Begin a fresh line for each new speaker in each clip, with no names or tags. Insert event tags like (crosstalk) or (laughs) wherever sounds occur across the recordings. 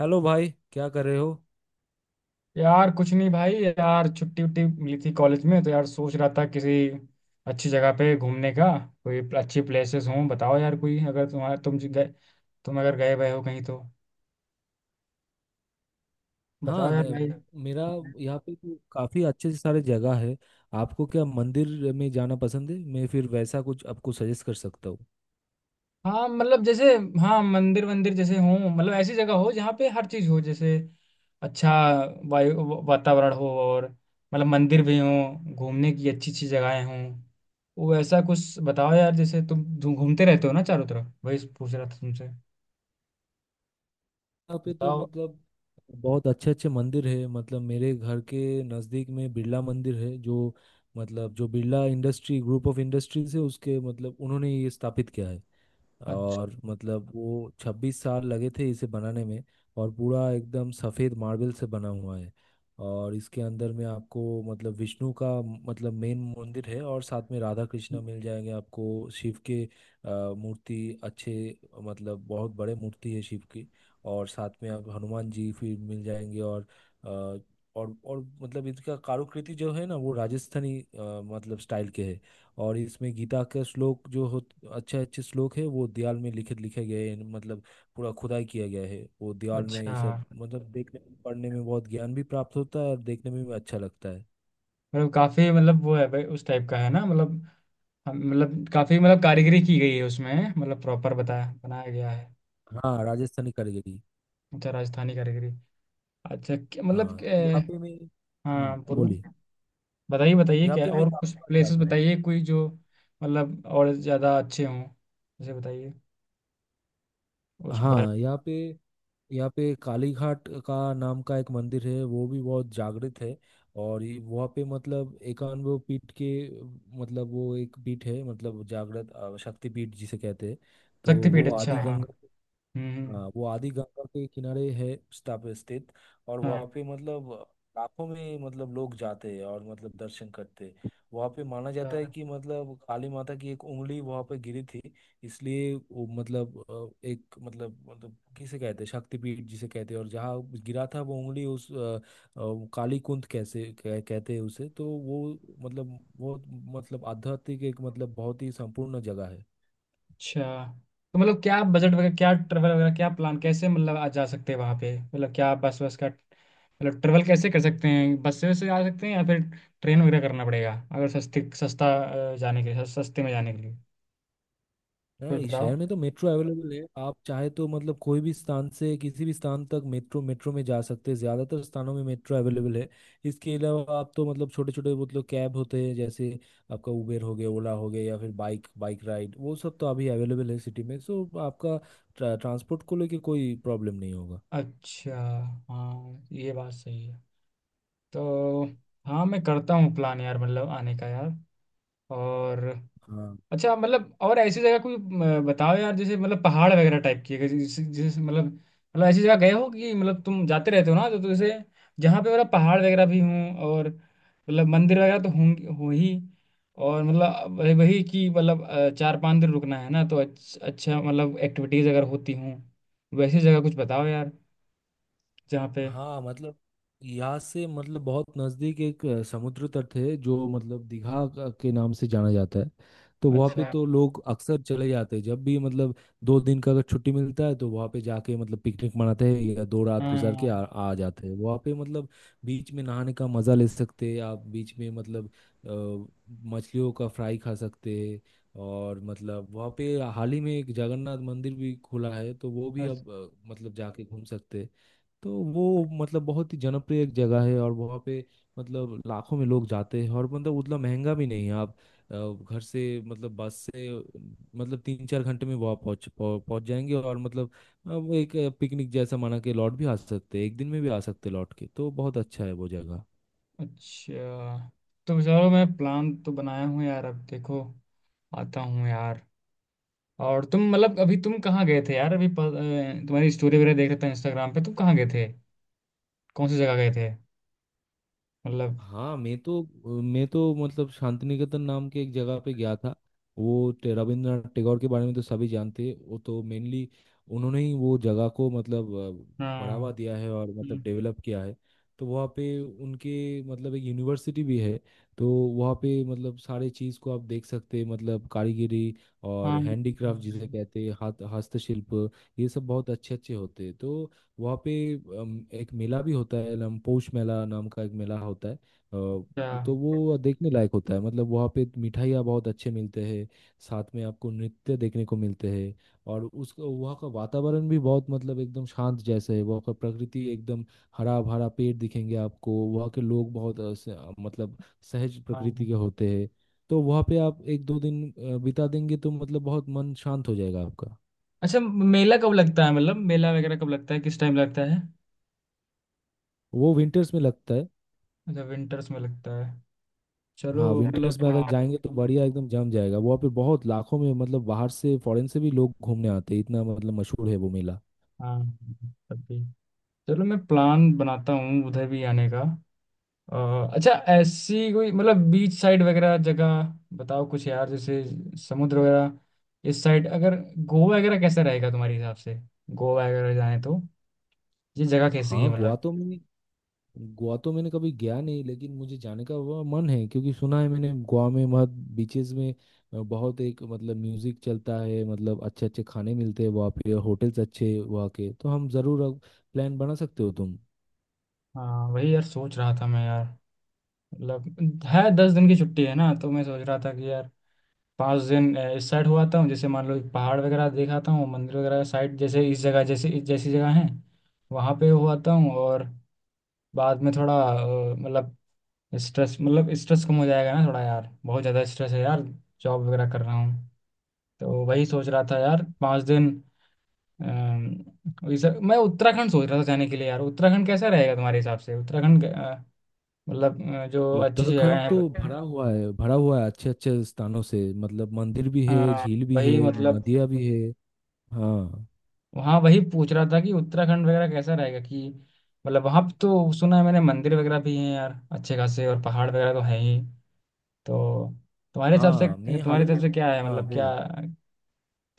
Hello भाई, क्या कर रहे हो?
यार कुछ नहीं भाई। यार छुट्टी उट्टी मिली थी कॉलेज में, तो यार सोच रहा था किसी अच्छी जगह पे घूमने का। कोई अच्छी प्लेसेस हो बताओ यार, कोई अगर तुम जी गए, तुम अगर गए हुए हो कहीं तो
हाँ,
बताओ यार भाई।
मेरा यहाँ पे तो काफ़ी अच्छे से सारे जगह है। आपको क्या मंदिर में जाना पसंद है? मैं फिर वैसा कुछ आपको सजेस्ट कर सकता हूँ।
हाँ मतलब जैसे, हाँ मंदिर वंदिर जैसे हो, मतलब ऐसी जगह हो जहाँ पे हर चीज़ हो, जैसे अच्छा वायु वातावरण हो, और मतलब मंदिर भी हो, घूमने की अच्छी अच्छी जगहें हों। वो ऐसा कुछ बताओ यार, जैसे तुम घूमते रहते हो ना चारों तरफ, वही पूछ रहा था तुमसे।
यहाँ पे तो
बताओ।
मतलब बहुत अच्छे अच्छे मंदिर है। मतलब मेरे घर के नज़दीक में बिरला मंदिर है, जो मतलब, जो Birla industry group of industries है, उसके मतलब उन्होंने ये स्थापित किया है। और
अच्छा,
मतलब वो 26 साल लगे थे इसे बनाने में। और पूरा एकदम सफ़ेद मार्बल से बना हुआ है। और इसके अंदर में आपको मतलब विष्णु का मतलब मेन मंदिर है, और साथ में राधा कृष्णा मिल जाएंगे। आपको शिव के मूर्ति अच्छे, मतलब बहुत बड़े मूर्ति है शिव की। और साथ में आप हनुमान जी फिर मिल जाएंगे। और अ, और मतलब इसका कारुकृति जो है ना, वो राजस्थानी मतलब स्टाइल के है। और इसमें गीता के श्लोक जो हो, अच्छे अच्छे श्लोक है, वो दीवार में लिखित लिखे गए हैं। मतलब पूरा खुदाई किया गया है वो दीवार में। ये
अच्छा।
सब मतलब देखने, पढ़ने में बहुत ज्ञान भी प्राप्त होता है, और देखने में भी अच्छा लगता है।
मतलब काफी, मतलब वो है भाई, उस टाइप का है ना मतलब। मतलब काफी, मतलब कारीगरी की गई है उसमें, मतलब प्रॉपर बताया बनाया गया है।
हाँ, राजस्थानी कारीगरी।
अच्छा राजस्थानी कारीगरी। अच्छा, मतलब
हाँ, तो यहाँ पे मैं। हाँ
हाँ बोलो।
बोलिए।
बताइए, बताइए,
यहाँ
क्या
पे मैं
और कुछ
काफी बार
प्लेसेस
जाता हूँ।
बताइए, कोई जो मतलब और ज्यादा अच्छे हों, जैसे बताइए। उस बार
हाँ, यहाँ पे काली घाट का नाम का एक मंदिर है, वो भी बहुत जागृत है। और वहाँ पे मतलब 91 पीठ के, मतलब वो एक पीठ है, मतलब जागृत शक्ति पीठ जिसे कहते हैं। तो
शक्तिपीठ,
वो
अच्छा
आदि
हाँ।
गंगा।
हम्म,
हाँ, वो आदि गंगा के किनारे है स्थापित, स्थित। और
हाँ।
वहाँ पे मतलब लाखों में मतलब लोग जाते हैं और मतलब दर्शन करते हैं। वहाँ पे माना जाता है
अच्छा।
कि मतलब काली माता की एक उंगली वहाँ पे गिरी थी। इसलिए वो मतलब एक मतलब किसे कहते हैं शक्तिपीठ, जिसे कहते हैं। और जहाँ गिरा था वो उंगली उस काली कुंत कैसे कहते हैं उसे, तो वो मतलब बहुत मतलब आध्यात्मिक एक मतलब बहुत ही संपूर्ण जगह है।
अच्छा, तो मतलब क्या बजट वगैरह, क्या ट्रेवल वगैरह, क्या प्लान, कैसे मतलब आ जा सकते हैं वहाँ पे? मतलब क्या बस, बस का मतलब ट्रेवल कैसे कर सकते हैं? बस से आ सकते हैं या फिर ट्रेन वगैरह करना पड़ेगा? अगर सस्ते सस्ता जाने के लिए, सस्ते में जाने के लिए कुछ
नहीं,
बताओ।
शहर में तो मेट्रो अवेलेबल है। आप चाहे तो मतलब कोई भी स्थान से किसी भी स्थान तक मेट्रो मेट्रो में जा सकते हैं। ज़्यादातर स्थानों में मेट्रो अवेलेबल है। इसके अलावा आप तो मतलब छोटे छोटे मतलब कैब होते हैं, जैसे आपका उबेर हो गया, ओला हो गया, या फिर बाइक बाइक राइड, वो सब तो अभी अवेलेबल है सिटी में, सो आपका ट्रांसपोर्ट को लेके कोई प्रॉब्लम नहीं होगा।
अच्छा, हाँ ये बात सही है। तो हाँ, मैं करता हूँ प्लान यार, मतलब आने का यार। और
हाँ।
अच्छा, मतलब और ऐसी जगह कोई, बताओ यार, जैसे मतलब पहाड़ वगैरह टाइप की है, जैसे जैसे मतलब ऐसी जगह गए हो कि मतलब तुम जाते रहते हो ना, तो जैसे जहाँ पे मतलब पहाड़ वगैरह भी हों, और मतलब मंदिर वगैरह तो होंगे हो ही। और मतलब वही वही कि मतलब 4-5 दिन रुकना है ना, तो अच्छा, अच्छा, मतलब एक्टिविटीज अगर होती हों, वैसी जगह कुछ बताओ यार, जहाँ पे
हाँ मतलब यहाँ से मतलब बहुत नज़दीक एक समुद्र तट है, जो मतलब दीघा के नाम से जाना जाता है। तो वहाँ पे
अच्छा
तो लोग अक्सर चले जाते हैं, जब भी मतलब 2 दिन का अगर छुट्टी मिलता है, तो वहाँ पे जाके मतलब पिकनिक मनाते हैं या 2 रात गुजार के
हाँ।
आ जाते हैं वहाँ पे। मतलब बीच में नहाने का मज़ा ले सकते हैं आप, बीच में मतलब अ, मछलियों का फ्राई खा सकते हैं। और मतलब वहाँ पे हाल ही में एक जगन्नाथ मंदिर भी खुला है, तो वो भी
अच-
अब मतलब जाके घूम सकते हैं। तो वो मतलब बहुत ही जनप्रिय एक जगह है, और वहाँ पे मतलब लाखों में लोग जाते हैं, और मतलब उतना महंगा भी नहीं है। आप अ, घर से मतलब बस से मतलब 3-4 घंटे में वहाँ पहुँच जाएंगे, और मतलब वो एक पिकनिक जैसा मना के लौट भी आ सकते हैं, एक दिन में भी आ सकते हैं लौट के, तो बहुत अच्छा है वो जगह।
अच्छा तो चलो, मैं प्लान तो बनाया हूँ यार, अब देखो। आता हूँ यार। और तुम मतलब, अभी तुम कहाँ गए थे यार? अभी तुम्हारी स्टोरी वगैरह देख रहा था इंस्टाग्राम पे, तुम कहाँ गए थे? कौन सी जगह गए थे मतलब?
हाँ, मैं तो मतलब शांतिनिकेतन नाम के एक जगह पे गया था। वो रविंद्रनाथ टैगोर के बारे में तो सभी जानते हैं, वो तो मेनली उन्होंने ही वो जगह को मतलब
हाँ।
बढ़ावा दिया है और मतलब
हम्म,
डेवलप किया है। तो वहाँ पे उनके मतलब एक यूनिवर्सिटी भी है। तो वहाँ पे मतलब सारे चीज़ को आप देख सकते हैं, मतलब कारीगरी और
हाँ।
हैंडीक्राफ्ट जिसे कहते हैं हाथ हस्तशिल्प, ये सब बहुत अच्छे अच्छे होते हैं। तो वहाँ पे एक मेला भी होता है, नाम पौष मेला नाम का एक मेला होता है। अ,
अच्छा
तो वो देखने लायक होता है। मतलब वहाँ पे मिठाइयाँ बहुत अच्छे मिलते हैं, साथ में आपको नृत्य देखने को मिलते हैं। और उस वहाँ का वातावरण भी बहुत मतलब एकदम शांत जैसे है, वहाँ का प्रकृति एकदम हरा भरा, पेड़ दिखेंगे आपको। वहाँ के लोग बहुत मतलब सहज
हाँ।
प्रकृति के होते हैं। तो वहाँ पे आप एक दो दिन बिता देंगे तो मतलब बहुत मन शांत हो जाएगा आपका।
अच्छा, मेला कब लगता है, मतलब मेला वगैरह कब लगता है? किस टाइम लगता है?
वो विंटर्स में लगता है।
अच्छा, विंटर्स में लगता है। चलो
हाँ,
मतलब,
विंटर्स में अगर
हाँ,
जाएंगे तो बढ़िया, एकदम जम जाएगा वहाँ पे। बहुत लाखों में मतलब बाहर से, फॉरेन से भी लोग घूमने आते हैं, इतना मतलब मशहूर है वो मेला।
हाँ, तब भी चलो, मैं प्लान बनाता हूँ उधर भी आने का। अ, अच्छा, ऐसी कोई मतलब बीच साइड वगैरह जगह बताओ कुछ यार, जैसे समुद्र वगैरह। इस साइड अगर गोवा वगैरह कैसा रहेगा तुम्हारे हिसाब से? गोवा वगैरह जाए तो ये जगह कैसी है
हाँ, गोवा
मतलब?
तो मैंने गोवा तो मैंने कभी गया नहीं, लेकिन मुझे जाने का वो मन है, क्योंकि सुना है मैंने गोवा में बहुत बीचेस में बहुत एक मतलब म्यूजिक चलता है, मतलब अच्छे अच्छे खाने मिलते हैं वहाँ पे, होटल्स अच्छे हैं वहाँ के, तो हम जरूर प्लान बना सकते हो तुम।
हाँ वही यार, सोच रहा था मैं यार। मतलब है, 10 दिन की छुट्टी है ना, तो मैं सोच रहा था कि यार 5 दिन इस साइड हो आता हूँ, जैसे मान लो एक पहाड़ वगैरह देखाता हूँ, मंदिर वगैरह साइड, जैसे इस जगह जैसे इस जैसी जगह है वहाँ पे हो आता हूँ, और बाद में थोड़ा मतलब स्ट्रेस, मतलब स्ट्रेस कम हो जाएगा ना थोड़ा यार, बहुत ज़्यादा स्ट्रेस है यार। जॉब वगैरह कर रहा हूँ, तो वही सोच रहा था यार 5 दिन। अम, वही सर, मैं उत्तराखंड सोच रहा था जाने के लिए यार। उत्तराखंड कैसा रहेगा तुम्हारे हिसाब से? उत्तराखंड मतलब जो अच्छी अच्छी जगह
उत्तराखंड तो
है।
भरा हुआ है, भरा हुआ है अच्छे अच्छे स्थानों से। मतलब मंदिर भी है,
हाँ
झील भी है,
वही मतलब,
नदियाँ भी है। हाँ।
वहाँ वही पूछ रहा था कि उत्तराखंड वगैरह कैसा रहेगा, कि मतलब वहाँ पे तो सुना है मैंने मंदिर वगैरह भी हैं यार अच्छे खासे, और पहाड़ वगैरह तो हैं ही। तो तुम्हारे हिसाब से
हाँ मैं हाल
तुम्हारे
ही
हिसाब
में।
से क्या है,
हाँ
मतलब क्या
बोलो।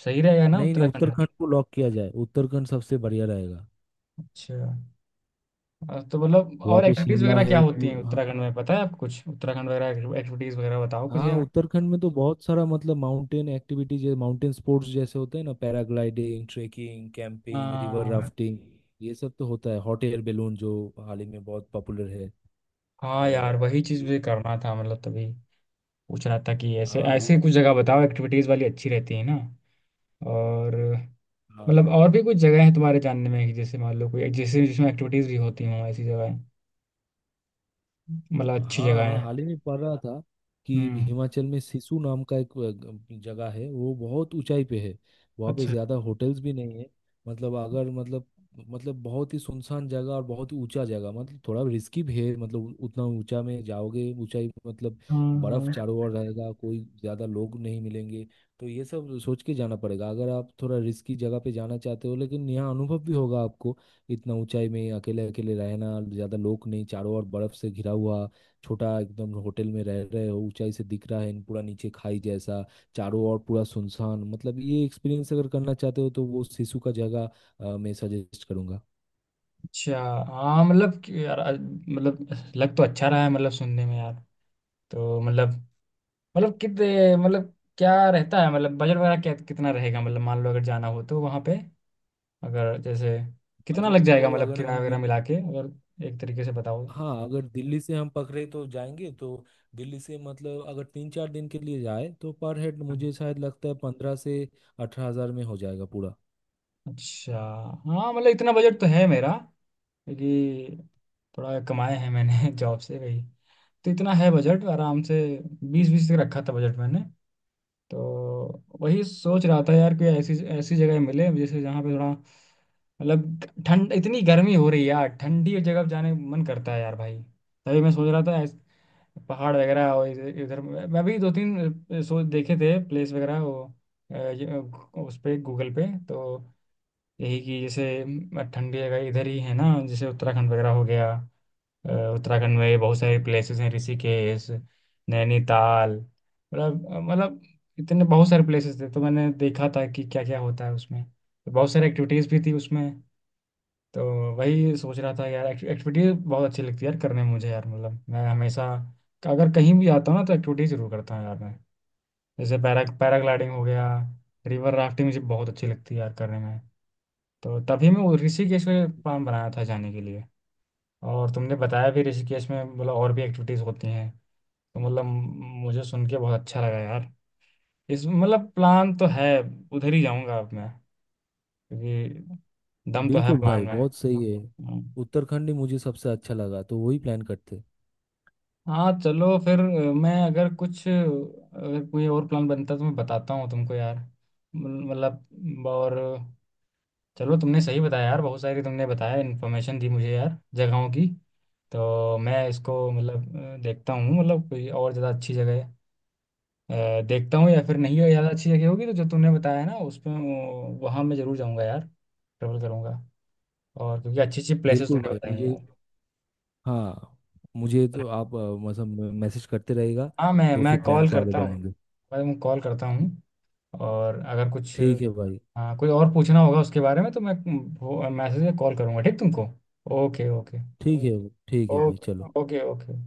सही रहेगा ना
नहीं नहीं,
उत्तराखंड?
उत्तराखंड को लॉक किया जाए, उत्तराखंड सबसे बढ़िया रहेगा।
अच्छा। तो मतलब
वहाँ
और
पे
एक्टिविटीज
शिमला
वगैरह क्या
है
होती हैं
हाँ।
उत्तराखंड में, पता है आपको कुछ? उत्तराखंड वगैरह एक्टिविटीज वगैरह बताओ कुछ
हाँ,
यार।
उत्तराखंड में तो बहुत सारा मतलब माउंटेन एक्टिविटी, जैसे माउंटेन स्पोर्ट्स जैसे होते हैं ना, पैराग्लाइडिंग, ट्रेकिंग, कैंपिंग, रिवर
हाँ,
राफ्टिंग, ये सब तो होता है। हॉट एयर बैलून जो हाल ही में बहुत पॉपुलर है।
हाँ यार,
और
वही चीज
ये-
मुझे करना था, मतलब तभी पूछ रहा था कि ऐसे
हाँ, ये
ऐसे
सब
कुछ
तो
जगह
बहुत।
बताओ एक्टिविटीज वाली, अच्छी रहती है ना। और
हाँ,
मतलब और भी कुछ जगह हैं तुम्हारे जानने में, कि जैसे मान लो कोई, जैसे जिसमें एक्टिविटीज भी होती हों, ऐसी जगह मतलब अच्छी
हाँ
जगह
मैं
है।
हाल ही में पढ़ रहा था, कि
हम्म,
हिमाचल में सिसु नाम का एक जगह है, वो बहुत ऊंचाई पे है। वहाँ पे
अच्छा।
ज़्यादा होटल्स भी नहीं है। मतलब अगर मतलब, मतलब बहुत ही सुनसान जगह, और बहुत ही ऊंचा जगह। मतलब थोड़ा रिस्की भी है। मतलब उतना ऊंचा में जाओगे, ऊंचाई पे मतलब
हाँ,
बर्फ
हाँ,
चारों ओर रहेगा, कोई ज़्यादा लोग नहीं मिलेंगे। तो ये सब सोच के जाना पड़ेगा, अगर आप थोड़ा रिस्की जगह पे जाना चाहते हो। लेकिन यहाँ अनुभव भी होगा आपको, इतना ऊंचाई में अकेले अकेले रहना, ज्यादा लोग नहीं, चारों ओर बर्फ से घिरा हुआ, छोटा एकदम होटल में रह रहे हो, ऊंचाई से दिख रहा है एंड पूरा नीचे खाई जैसा, चारों ओर पूरा सुनसान। मतलब ये एक्सपीरियंस अगर करना चाहते हो, तो वो सिसु का जगह मैं सजेस्ट करूंगा।
अच्छा। हाँ मतलब कि यार मतलब, लग तो अच्छा रहा है, मतलब सुनने में यार। तो मतलब कितने, मतलब क्या रहता है, मतलब बजट वगैरह क्या कितना रहेगा, मतलब मान लो अगर जाना हो तो वहाँ पे, अगर जैसे कितना
बजट
लग जाएगा,
तो
मतलब
अगर
किराया
हम
वगैरह
दिल्ली।
मिला के, अगर एक तरीके से बताओ।
हाँ, अगर दिल्ली से हम पकड़े तो जाएंगे, तो दिल्ली से मतलब अगर 3-4 दिन के लिए जाए तो पर हेड मुझे शायद लगता है 15 से 18 हज़ार में हो जाएगा पूरा।
अच्छा, हाँ मतलब इतना बजट तो है मेरा, क्योंकि थोड़ा कमाया है मैंने (laughs) जॉब से भाई। तो इतना है बजट आराम से। बीस बीस तक रखा था बजट मैंने। तो वही सोच रहा था यार कोई ऐसी ऐसी जगह मिले, जैसे जहाँ पे थोड़ा मतलब ठंड, इतनी गर्मी हो रही है यार, ठंडी जगह पे जाने का मन करता है यार भाई। तभी मैं सोच रहा था पहाड़ वगैरह और इधर इधर-। मैं भी दो तीन सोच देखे थे प्लेस वगैरह, वो अ, ये, अ, उस पे गूगल पे, तो यही कि जैसे ठंडी जगह इधर ही है ना, जैसे उत्तराखंड वगैरह हो गया। उत्तराखंड में बहुत सारे प्लेसेस हैं, ऋषिकेश, नैनीताल, मतलब इतने बहुत सारे प्लेसेस थे, तो मैंने देखा था कि क्या क्या होता है उसमें, तो बहुत सारी एक्टिविटीज़ भी थी उसमें। तो वही सोच रहा था यार, एक्टिविटीज़ बहुत अच्छी लगती है यार करने में मुझे यार, मतलब मैं हमेशा अगर कहीं भी जाता हूँ ना, तो एक्टिविटीज़ जरूर करता हूँ यार मैं। जैसे पैराग्लाइडिंग हो गया, रिवर राफ्टिंग मुझे बहुत अच्छी लगती है यार करने में। तो तभी मैं वो ऋषिकेश का प्लान बनाया था जाने के लिए, और तुमने बताया भी ऋषिकेश में, बोला और भी एक्टिविटीज होती हैं, तो मतलब मुझे सुन के बहुत अच्छा लगा यार। इस मतलब प्लान तो है, उधर ही जाऊंगा अब मैं, क्योंकि दम तो है
बिल्कुल
प्लान
भाई,
में।
बहुत सही है,
हम्म।
उत्तराखंड ही मुझे सबसे अच्छा लगा, तो वही प्लान करते।
हाँ चलो फिर, मैं अगर कोई और प्लान बनता है तो मैं बताता हूँ तुमको यार। मतलब और, चलो, तुमने सही बताया यार, बहुत सारी तुमने बताया इन्फॉर्मेशन दी मुझे यार जगहों की। तो मैं इसको मतलब देखता हूँ, मतलब कोई और ज़्यादा अच्छी जगह देखता हूँ, या फिर नहीं हो ज़्यादा अच्छी जगह होगी तो जो तूने बताया है ना उसमें, वहाँ मैं ज़रूर जाऊँगा यार, ट्रेवल करूँगा, और क्योंकि अच्छी अच्छी प्लेसेस
बिल्कुल
तूने
भाई।
बताई हैं
मुझे।
यार।
हाँ मुझे तो आप मतलब मैसेज करते रहेगा,
हाँ, मैं
तो फिर
मैं
प्लान
कॉल
को आगे
करता हूँ।
बढ़ाएंगे।
मैं कॉल करता हूँ, और अगर कुछ,
ठीक है भाई।
हाँ, कोई और पूछना होगा उसके बारे में तो मैं मैसेज या कॉल करूँगा, ठीक तुमको? Okay, okay.
ठीक है। ठीक है भाई, चलो।
Okay, okay, okay.